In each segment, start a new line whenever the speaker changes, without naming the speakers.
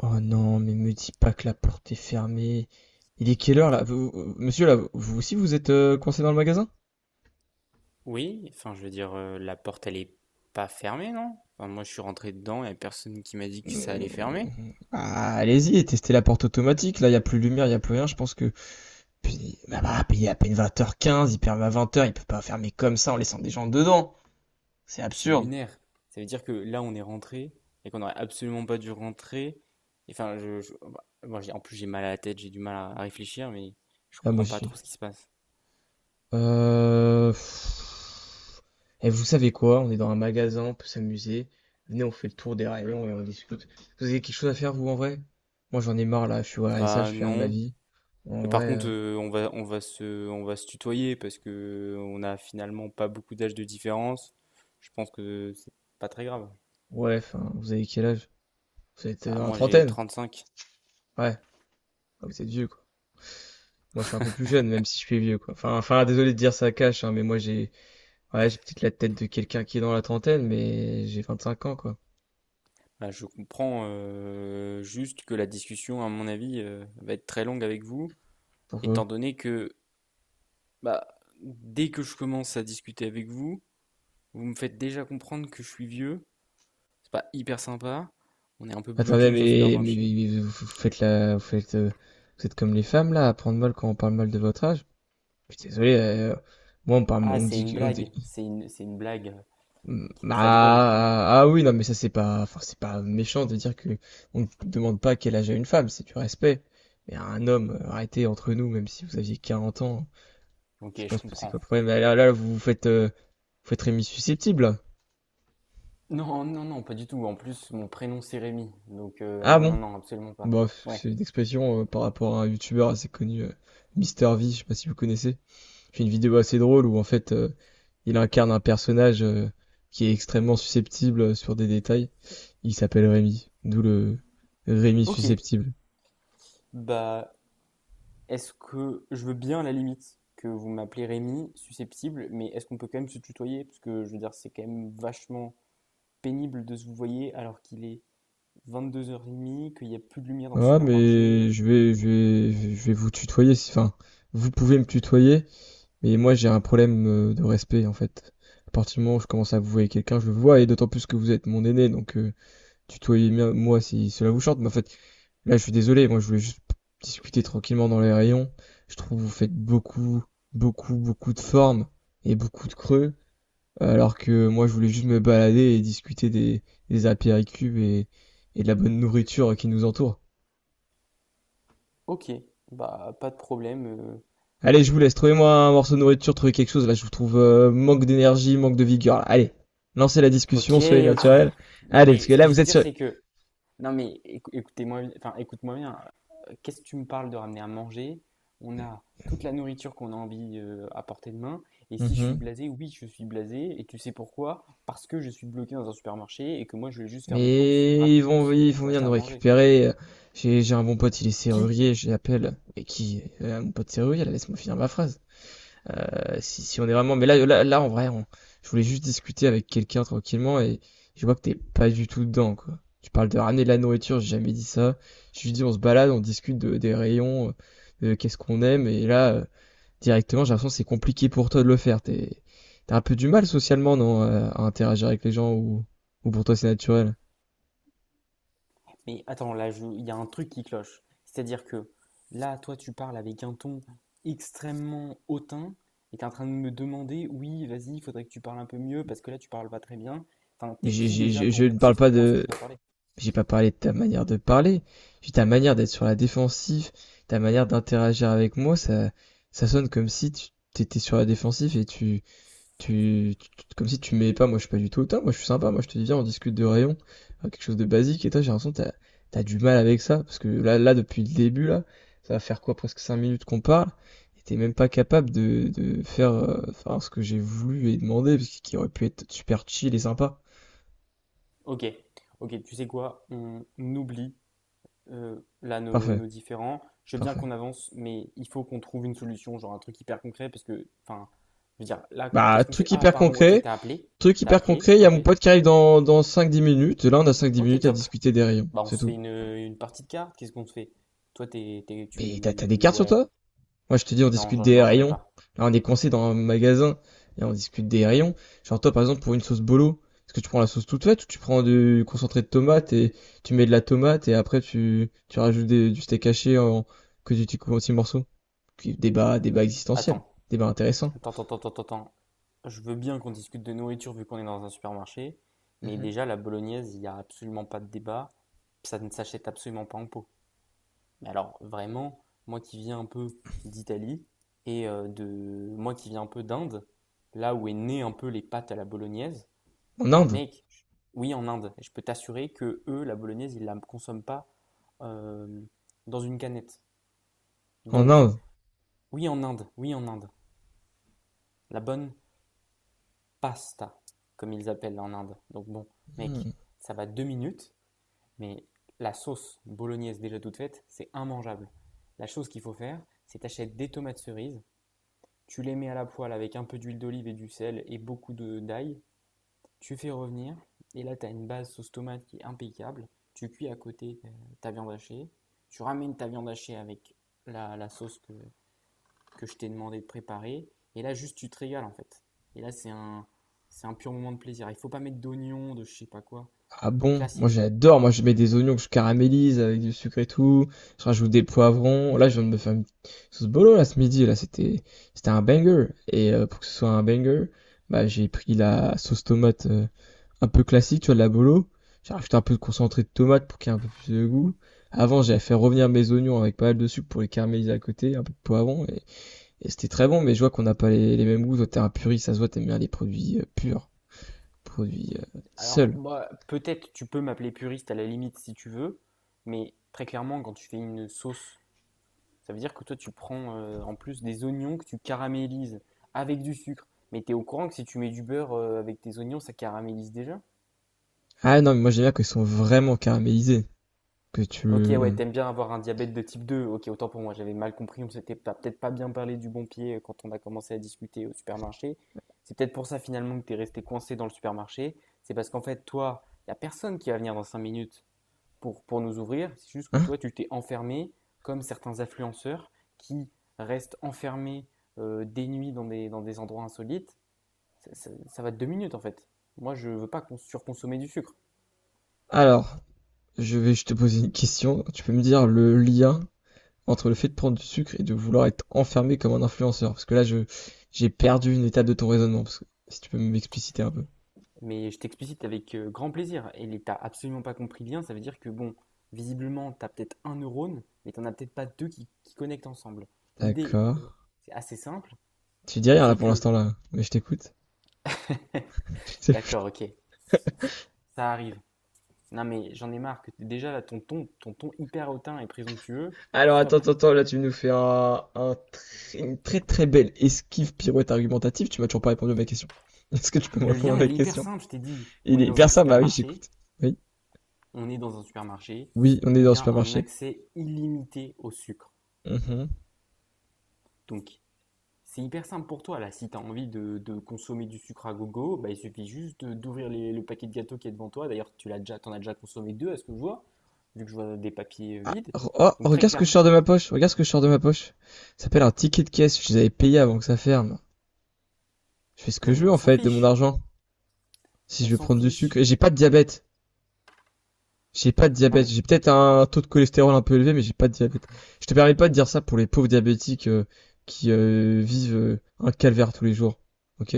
Oh non, mais me dis pas que la porte est fermée. Il est quelle heure là? Monsieur là, vous aussi vous êtes coincé dans le magasin?
Oui, enfin, je veux dire, la porte, elle est pas fermée, non? Enfin, moi, je suis rentré dedans, il n'y a personne qui m'a dit que ça
Euh,
allait fermer.
Ah, allez-y, testez la porte automatique. Là, il y a plus de lumière, il y a plus rien. Je pense que puis puis il est à peine 20h15, il ferme à 20h, il peut pas fermer comme ça en laissant des gens dedans. C'est
Et c'est
absurde.
lunaire. Ça veut dire que là, on est rentré et qu'on n'aurait absolument pas dû rentrer. Et enfin, moi, en plus, j'ai mal à la tête, j'ai du mal à réfléchir, mais je
Ah moi
comprends pas
aussi.
trop ce qui se passe.
Pff. Et vous savez quoi? On est dans un magasin, on peut s'amuser. Venez, on fait le tour des rayons et on discute. Vous avez quelque chose à faire, vous, en vrai? Moi, j'en ai marre, là. Je suis à ça, je
Bah,
fais rien de ma
non.
vie. En
Mais par
vrai,
contre, on va, on va se tutoyer parce que on a finalement pas beaucoup d'âge de différence. Je pense que c'est pas très grave.
ouais, enfin, vous avez quel âge? Vous êtes
Bah,
dans la
moi, j'ai
trentaine?
35.
Ouais. Ah, vous êtes vieux, quoi. Moi, je suis un peu plus jeune, même si je suis vieux, quoi. Enfin, désolé de dire ça cache, hein, mais moi, j'ai, ouais, j'ai peut-être la tête de quelqu'un qui est dans la trentaine, mais j'ai 25 ans, quoi.
Ah, je comprends juste que la discussion, à mon avis, va être très longue avec vous,
Pourquoi?
étant donné que bah, dès que je commence à discuter avec vous, vous me faites déjà comprendre que je suis vieux. C'est pas hyper sympa. On est un peu bloqué
Attendez,
dans un supermarché.
mais vous vous faites la, vous faites, vous êtes comme les femmes là, à prendre mal quand on parle mal de votre âge. Je suis désolé, moi on parle,
Ah,
on
c'est
dit,
une
on
blague.
dit,
C'est une blague
mm,
qui est très drôle.
ah, oui, non mais ça c'est pas, enfin c'est pas méchant de dire que on ne demande pas quel âge a une femme, c'est du respect. Mais à un homme, arrêtez entre nous, même si vous aviez 40 ans,
Ok,
c'est quoi,
je
c'est quoi le
comprends.
problème? Là, vous vous faites Rémi susceptible. Là.
Non, non, non, pas du tout. En plus, mon prénom c'est Rémi. Donc,
Ah
non, non,
bon?
non, absolument pas.
Bon,
Ouais.
c'est une expression par rapport à un youtubeur assez connu, Mister V, je sais pas si vous connaissez. J'ai une vidéo assez drôle où en fait il incarne un personnage qui est extrêmement susceptible sur des détails. Il s'appelle Rémi, d'où le Rémi
Ok.
susceptible.
Bah, est-ce que je veux bien à la limite que vous m'appelez Rémi, susceptible, mais est-ce qu'on peut quand même se tutoyer? Parce que je veux dire, c'est quand même vachement pénible de se vouvoyer alors qu'il est 22h30, qu'il n'y a plus de lumière dans le
Ah mais
supermarché.
je vais vous tutoyer si enfin vous pouvez me tutoyer mais moi j'ai un problème de respect en fait. À partir du moment où je commence à vous voir quelqu'un, je le vois et d'autant plus que vous êtes mon aîné donc Tutoyez-moi si cela vous chante, mais en fait, là, je suis désolé, moi, je voulais juste discuter tranquillement dans les rayons. Je trouve que vous faites beaucoup, beaucoup, beaucoup de formes et beaucoup de creux, alors que moi, je voulais juste me balader et discuter des apéricubes et de la bonne nourriture qui nous entoure.
Ok, bah pas de problème.
Allez, je vous laisse, trouvez-moi un morceau de nourriture, trouvez quelque chose, là, je vous trouve manque d'énergie, manque de vigueur. Là. Allez, lancez la discussion,
Ok,
soyez
ok.
naturel.
Non
Allez, parce
mais
que
ce
là,
que je
vous
veux
êtes
dire
sur...
c'est que non, mais écoutez-moi, enfin, écoute-moi bien. Qu'est-ce que tu me parles de ramener à manger? On a toute la nourriture qu'on a envie à portée de main. Et si je suis
Mhm.
blasé, oui, je suis blasé. Et tu sais pourquoi? Parce que je suis bloqué dans un supermarché et que moi, je vais juste faire mes courses
Mais ils
rapidos
vont, ils vont
pour
venir
acheter
nous
à manger.
récupérer. J'ai un bon pote, il est
Qui?
serrurier, je l'appelle. Et qui, mon pote serrurier, là, laisse-moi finir ma phrase. Si on est vraiment, mais là, en vrai, je voulais juste discuter avec quelqu'un tranquillement et je vois que t'es pas du tout dedans, quoi. Tu parles de ramener de la nourriture, j'ai jamais dit ça. Je lui dis, on se balade, on discute des rayons, de qu'est-ce qu'on aime, et là, directement, j'ai l'impression que c'est compliqué pour toi de le faire. T'as un peu du mal socialement, non, à interagir avec les gens ou, pour toi c'est naturel?
Mais attends, là, il y a un truc qui cloche. C'est-à-dire que là, toi, tu parles avec un ton extrêmement hautain et t'es en train de me demander, oui, vas-y, il faudrait que tu parles un peu mieux parce que là, tu parles pas très bien. Enfin,
Mais
t'es qui déjà pour
je
me
ne parle
dire
pas
comment est-ce que
de.
je dois parler?
J'ai pas parlé de ta manière de parler. J'ai ta manière d'être sur la défensive, ta manière d'interagir avec moi, ça sonne comme si tu t'étais sur la défensive et comme si tu m'aimais pas. Moi, je suis pas du tout autant. Moi, je suis sympa. Moi, je te dis, viens, on discute de rayon, quelque chose de basique. Et toi, j'ai l'impression que t'as du mal avec ça parce que là, depuis le début, là, ça va faire quoi, presque 5 minutes qu'on parle. Et t'es même pas capable de faire, faire ce que j'ai voulu et demandé, parce qu'il aurait pu être super chill et sympa.
Ok, ok, tu sais quoi? On oublie là
Parfait.
nos différends. Je veux bien
Parfait.
qu'on avance, mais il faut qu'on trouve une solution, genre un truc hyper concret parce que, enfin, je veux dire, là,
Bah,
qu'est-ce qu'on fait?
truc
Ah,
hyper
pardon, ok,
concret.
t'as appelé.
Truc
T'as
hyper
appelé,
concret, il y a
ok.
mon pote qui arrive dans 5-10 minutes. Là, on a cinq dix
Ok,
minutes à
top.
discuter des rayons.
Bah, on
C'est
se fait
tout.
une partie de cartes, qu'est-ce qu'on se fait? Toi,
Mais t'as des
tu...
cartes sur
Ouais,
toi? Moi, je te dis, on
non,
discute des
non, j'en ai
rayons.
pas.
Là, on est coincé dans un magasin. Et on discute des rayons. Genre, toi, par exemple, pour une sauce bolo, est-ce que tu prends la sauce toute faite ou tu prends du concentré de tomate et tu mets de la tomate et après tu rajoutes du steak haché en, que tu coupes en petits morceaux? Débat, débat existentiel.
Attends,
Débat intéressant.
attends. Je veux bien qu'on discute de nourriture vu qu'on est dans un supermarché, mais
Mhm.
déjà, la bolognaise, il n'y a absolument pas de débat, ça ne s'achète absolument pas en pot. Mais alors, vraiment, moi qui viens un peu d'Italie, et de... moi qui viens un peu d'Inde, là où est né un peu les pâtes à la bolognaise,
En
bah
Inde.
mec, oui, en Inde, je peux t'assurer que eux, la bolognaise, ils la consomment pas euh, dans une canette.
En
Donc,
Inde.
oui en Inde, la bonne pasta, comme ils appellent en Inde. Donc bon, mec,
Hmm.
ça va 2 minutes, mais la sauce bolognaise déjà toute faite, c'est immangeable. La chose qu'il faut faire, c'est t'achètes des tomates cerises, tu les mets à la poêle avec un peu d'huile d'olive et du sel et beaucoup d'ail, tu fais revenir, et là tu as une base sauce tomate qui est impeccable, tu cuis à côté ta viande hachée, tu ramènes ta viande hachée avec la sauce que je t'ai demandé de préparer. Et là, juste, tu te régales, en fait. Et là, c'est un pur moment de plaisir. Il ne faut pas mettre d'oignons, de je ne sais pas quoi.
Ah bon? Moi
Classique.
j'adore, moi je mets des oignons que je caramélise avec du sucre et tout, je rajoute des poivrons, là je viens de me faire une sauce bolo là ce midi, là c'était un banger, et pour que ce soit un banger, bah j'ai pris la sauce tomate un peu classique, tu vois, de la bolo, j'ai rajouté un peu de concentré de tomate pour qu'il y ait un peu plus de goût, avant j'avais fait revenir mes oignons avec pas mal de sucre pour les caraméliser à côté, un peu de poivron, et c'était très bon, mais je vois qu'on n'a pas les mêmes goûts, toi t'es un puriste, ça se voit t'aimes bien les produits purs, produits
Alors,
seuls.
moi, peut-être tu peux m'appeler puriste à la limite si tu veux, mais très clairement, quand tu fais une sauce, ça veut dire que toi, tu prends en plus des oignons que tu caramélises avec du sucre. Mais t'es au courant que si tu mets du beurre avec tes oignons, ça caramélise déjà?
Ah non, mais moi j'aime bien qu'ils sont vraiment caramélisés, que tu
Ok, ouais,
le...
t'aimes bien avoir un diabète de type 2. Ok, autant pour moi, j'avais mal compris. On s'était pas- peut-être pas bien parlé du bon pied quand on a commencé à discuter au supermarché. C'est peut-être pour ça finalement que t'es resté coincé dans le supermarché. C'est parce qu'en fait, toi, y a personne qui va venir dans 5 minutes pour nous ouvrir. C'est juste que
Hein?
toi, tu t'es enfermé, comme certains influenceurs qui restent enfermés des nuits dans des endroits insolites. Ça va de deux minutes en fait. Moi, je veux pas qu'on surconsommer du sucre.
Alors, je vais juste te poser une question. Tu peux me dire le lien entre le fait de prendre du sucre et de vouloir être enfermé comme un influenceur? Parce que là, je j'ai perdu une étape de ton raisonnement, parce que si tu peux m'expliciter un peu.
Mais je t'explicite avec grand plaisir. Et t'as absolument pas compris bien, ça veut dire que bon, visiblement, t'as peut-être un neurone, mais t'en as peut-être pas deux qui connectent ensemble. L'idée
D'accord.
est c'est assez simple,
Tu dis rien là
c'est
pour
que.
l'instant là, mais je t'écoute. Je t'écoute.
D'accord, ok, ça, ça arrive. Non mais j'en ai marre que déjà là, ton ton hyper hautain et présomptueux,
Alors attends,
stop.
attends, attends, là tu nous fais une très très belle esquive pirouette argumentative, tu m'as toujours pas répondu à ma question. Est-ce que tu peux me
Le
répondre à
lien,
ma
il est hyper
question?
simple, je t'ai dit.
Il est hyper simple, bah oui, j'écoute. Oui.
On est dans un supermarché,
Oui, on est
il
dans le
y a un
supermarché.
accès illimité au sucre.
Mhm.
Donc, c'est hyper simple pour toi, là. Si tu as envie de consommer du sucre à gogo, bah, il suffit juste d'ouvrir le paquet de gâteaux qui est devant toi. D'ailleurs, tu l'as déjà, t'en as déjà consommé deux, à ce que je vois, vu que je vois des papiers
Ah,
vides.
oh,
Donc, très
regarde ce que je
clairement.
sors de ma poche. Regarde ce que je sors de ma poche. Ça s'appelle un ticket de caisse. Je les avais payés avant que ça ferme. Je fais ce que
Non,
je
mais
veux
on
en
s'en
fait de mon
fiche.
argent. Si
On
je veux
s'en
prendre du sucre.
fiche.
Et j'ai pas de diabète. J'ai pas de
Ah,
diabète.
mais
J'ai peut-être un taux de cholestérol un peu élevé, mais j'ai pas de diabète. Je te permets pas de dire ça pour les pauvres diabétiques qui vivent un calvaire tous les jours. Ok?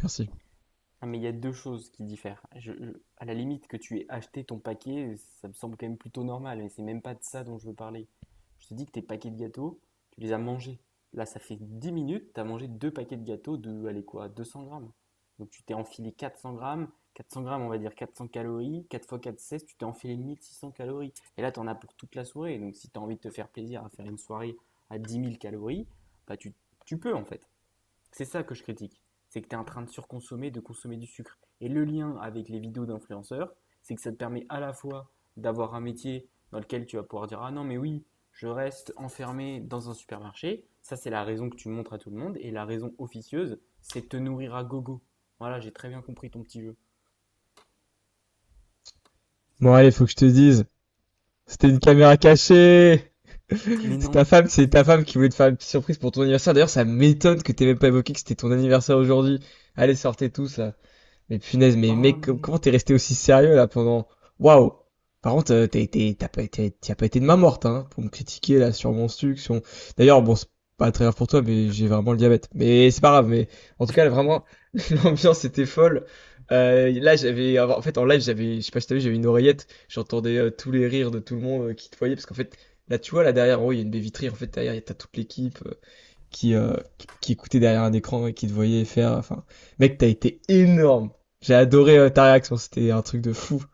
Merci.
Ah, mais il y a deux choses qui diffèrent. À la limite que tu aies acheté ton paquet, ça me semble quand même plutôt normal, mais c'est même pas de ça dont je veux parler. Je te dis que tes paquets de gâteaux, tu les as mangés. Là, ça fait 10 minutes, tu as mangé deux paquets de gâteaux de, allez quoi, 200 grammes. Donc tu t'es enfilé 400 grammes, on va dire 400 calories, 4 fois 4 16, tu t'es enfilé 1 600 calories. Et là, tu en as pour toute la soirée. Donc si tu as envie de te faire plaisir à faire une soirée à 10 000 calories, bah tu peux en fait. C'est ça que je critique. C'est que tu es en train de surconsommer, de consommer du sucre. Et le lien avec les vidéos d'influenceurs, c'est que ça te permet à la fois d'avoir un métier dans lequel tu vas pouvoir dire ah non, mais oui, je reste enfermé dans un supermarché. Ça, c'est la raison que tu montres à tout le monde. Et la raison officieuse, c'est de te nourrir à gogo. Voilà, j'ai très bien compris ton petit jeu.
Bon allez, faut que je te dise. C'était une caméra cachée!
Mais non.
C'est ta femme qui voulait te faire une petite surprise pour ton anniversaire. D'ailleurs, ça m'étonne que t'aies même pas évoqué que c'était ton anniversaire aujourd'hui. Allez, sortez tous là. Mais punaise, mais
Oh
mec, comment
non.
t'es resté aussi sérieux là pendant... Waouh! Par contre, t'as été, t'as pas été, t'y as pas été de main morte, hein, pour me critiquer là sur mon sucre, sur. D'ailleurs, bon, c'est pas très grave pour toi, mais j'ai vraiment le diabète. Mais c'est pas grave, mais en tout cas, là, vraiment, l'ambiance était folle. Là, j'avais, en fait, en live, j'avais, je sais pas si t'as vu, j'avais une oreillette, j'entendais tous les rires de tout le monde qui te voyait, parce qu'en fait, là, tu vois, là derrière, en haut, il y a une baie vitrée, en fait, derrière, t'as toute l'équipe. Qui écoutait derrière un écran et qui te voyait faire. Enfin, mec, t'as été énorme. J'ai adoré ta réaction, c'était un truc de fou.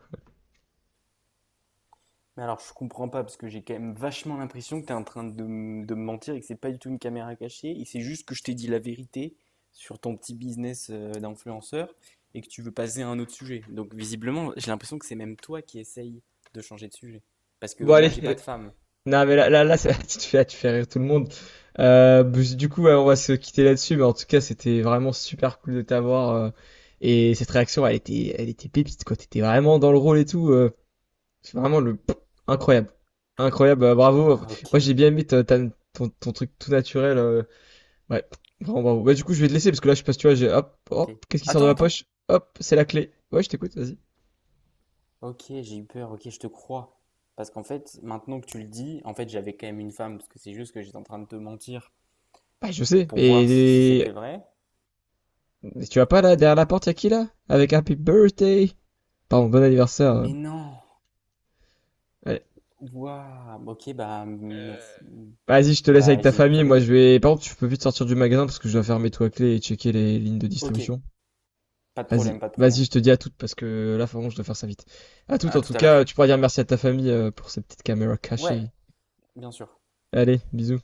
Mais alors, je comprends pas parce que j'ai quand même vachement l'impression que tu es en train de, de me mentir et que c'est pas du tout une caméra cachée et c'est juste que je t'ai dit la vérité sur ton petit business d'influenceur et que tu veux passer à un autre sujet. Donc, visiblement, j'ai l'impression que c'est même toi qui essaye de changer de sujet parce que
Bon, allez,
moi, j'ai pas de femme.
non, mais là, tu fais rire tout le monde. Bah, du coup, ouais, on va se quitter là-dessus, mais en tout cas, c'était vraiment super cool de t'avoir. Et cette réaction, elle était pépite, quoi. T'étais vraiment dans le rôle et tout. C'est vraiment le incroyable, incroyable. Bravo.
Ah,
Moi,
ok,
j'ai bien aimé ton truc tout naturel. Ouais, grand bravo. Bah, du coup, je vais te laisser parce que là, je passe, tu vois,
ok.
qu'est-ce qui sort de
Attends,
ma
attends.
poche? Hop, c'est la clé. Ouais, je t'écoute, vas-y.
Ok, j'ai eu peur. Ok, je te crois parce qu'en fait, maintenant que tu le dis, en fait, j'avais quand même une femme parce que c'est juste que j'étais en train de te mentir
Bah, je sais.
pour voir si
Et,
c'était
et
vrai.
et tu vas pas là, derrière la porte, y'a qui là? Avec Happy Birthday. Pardon, bon anniversaire.
Mais non.
Allez.
Waouh! Ok, bah, merci.
Vas-y, je te
Et
laisse avec
bah,
ta
j'ai
famille. Moi,
vraiment
je vais. Par contre, tu peux vite sortir du magasin parce que je dois fermer tout à clé et checker les lignes de
ok,
distribution.
pas de problème,
Vas-y,
pas de
vas-y,
problème.
je te dis à toutes parce que là, vraiment, je dois faire ça vite. À toutes,
À
en tout
tout à l'heure.
cas, tu pourras dire merci à ta famille pour cette petite caméra
Ouais,
cachée.
bien sûr.
Allez, bisous.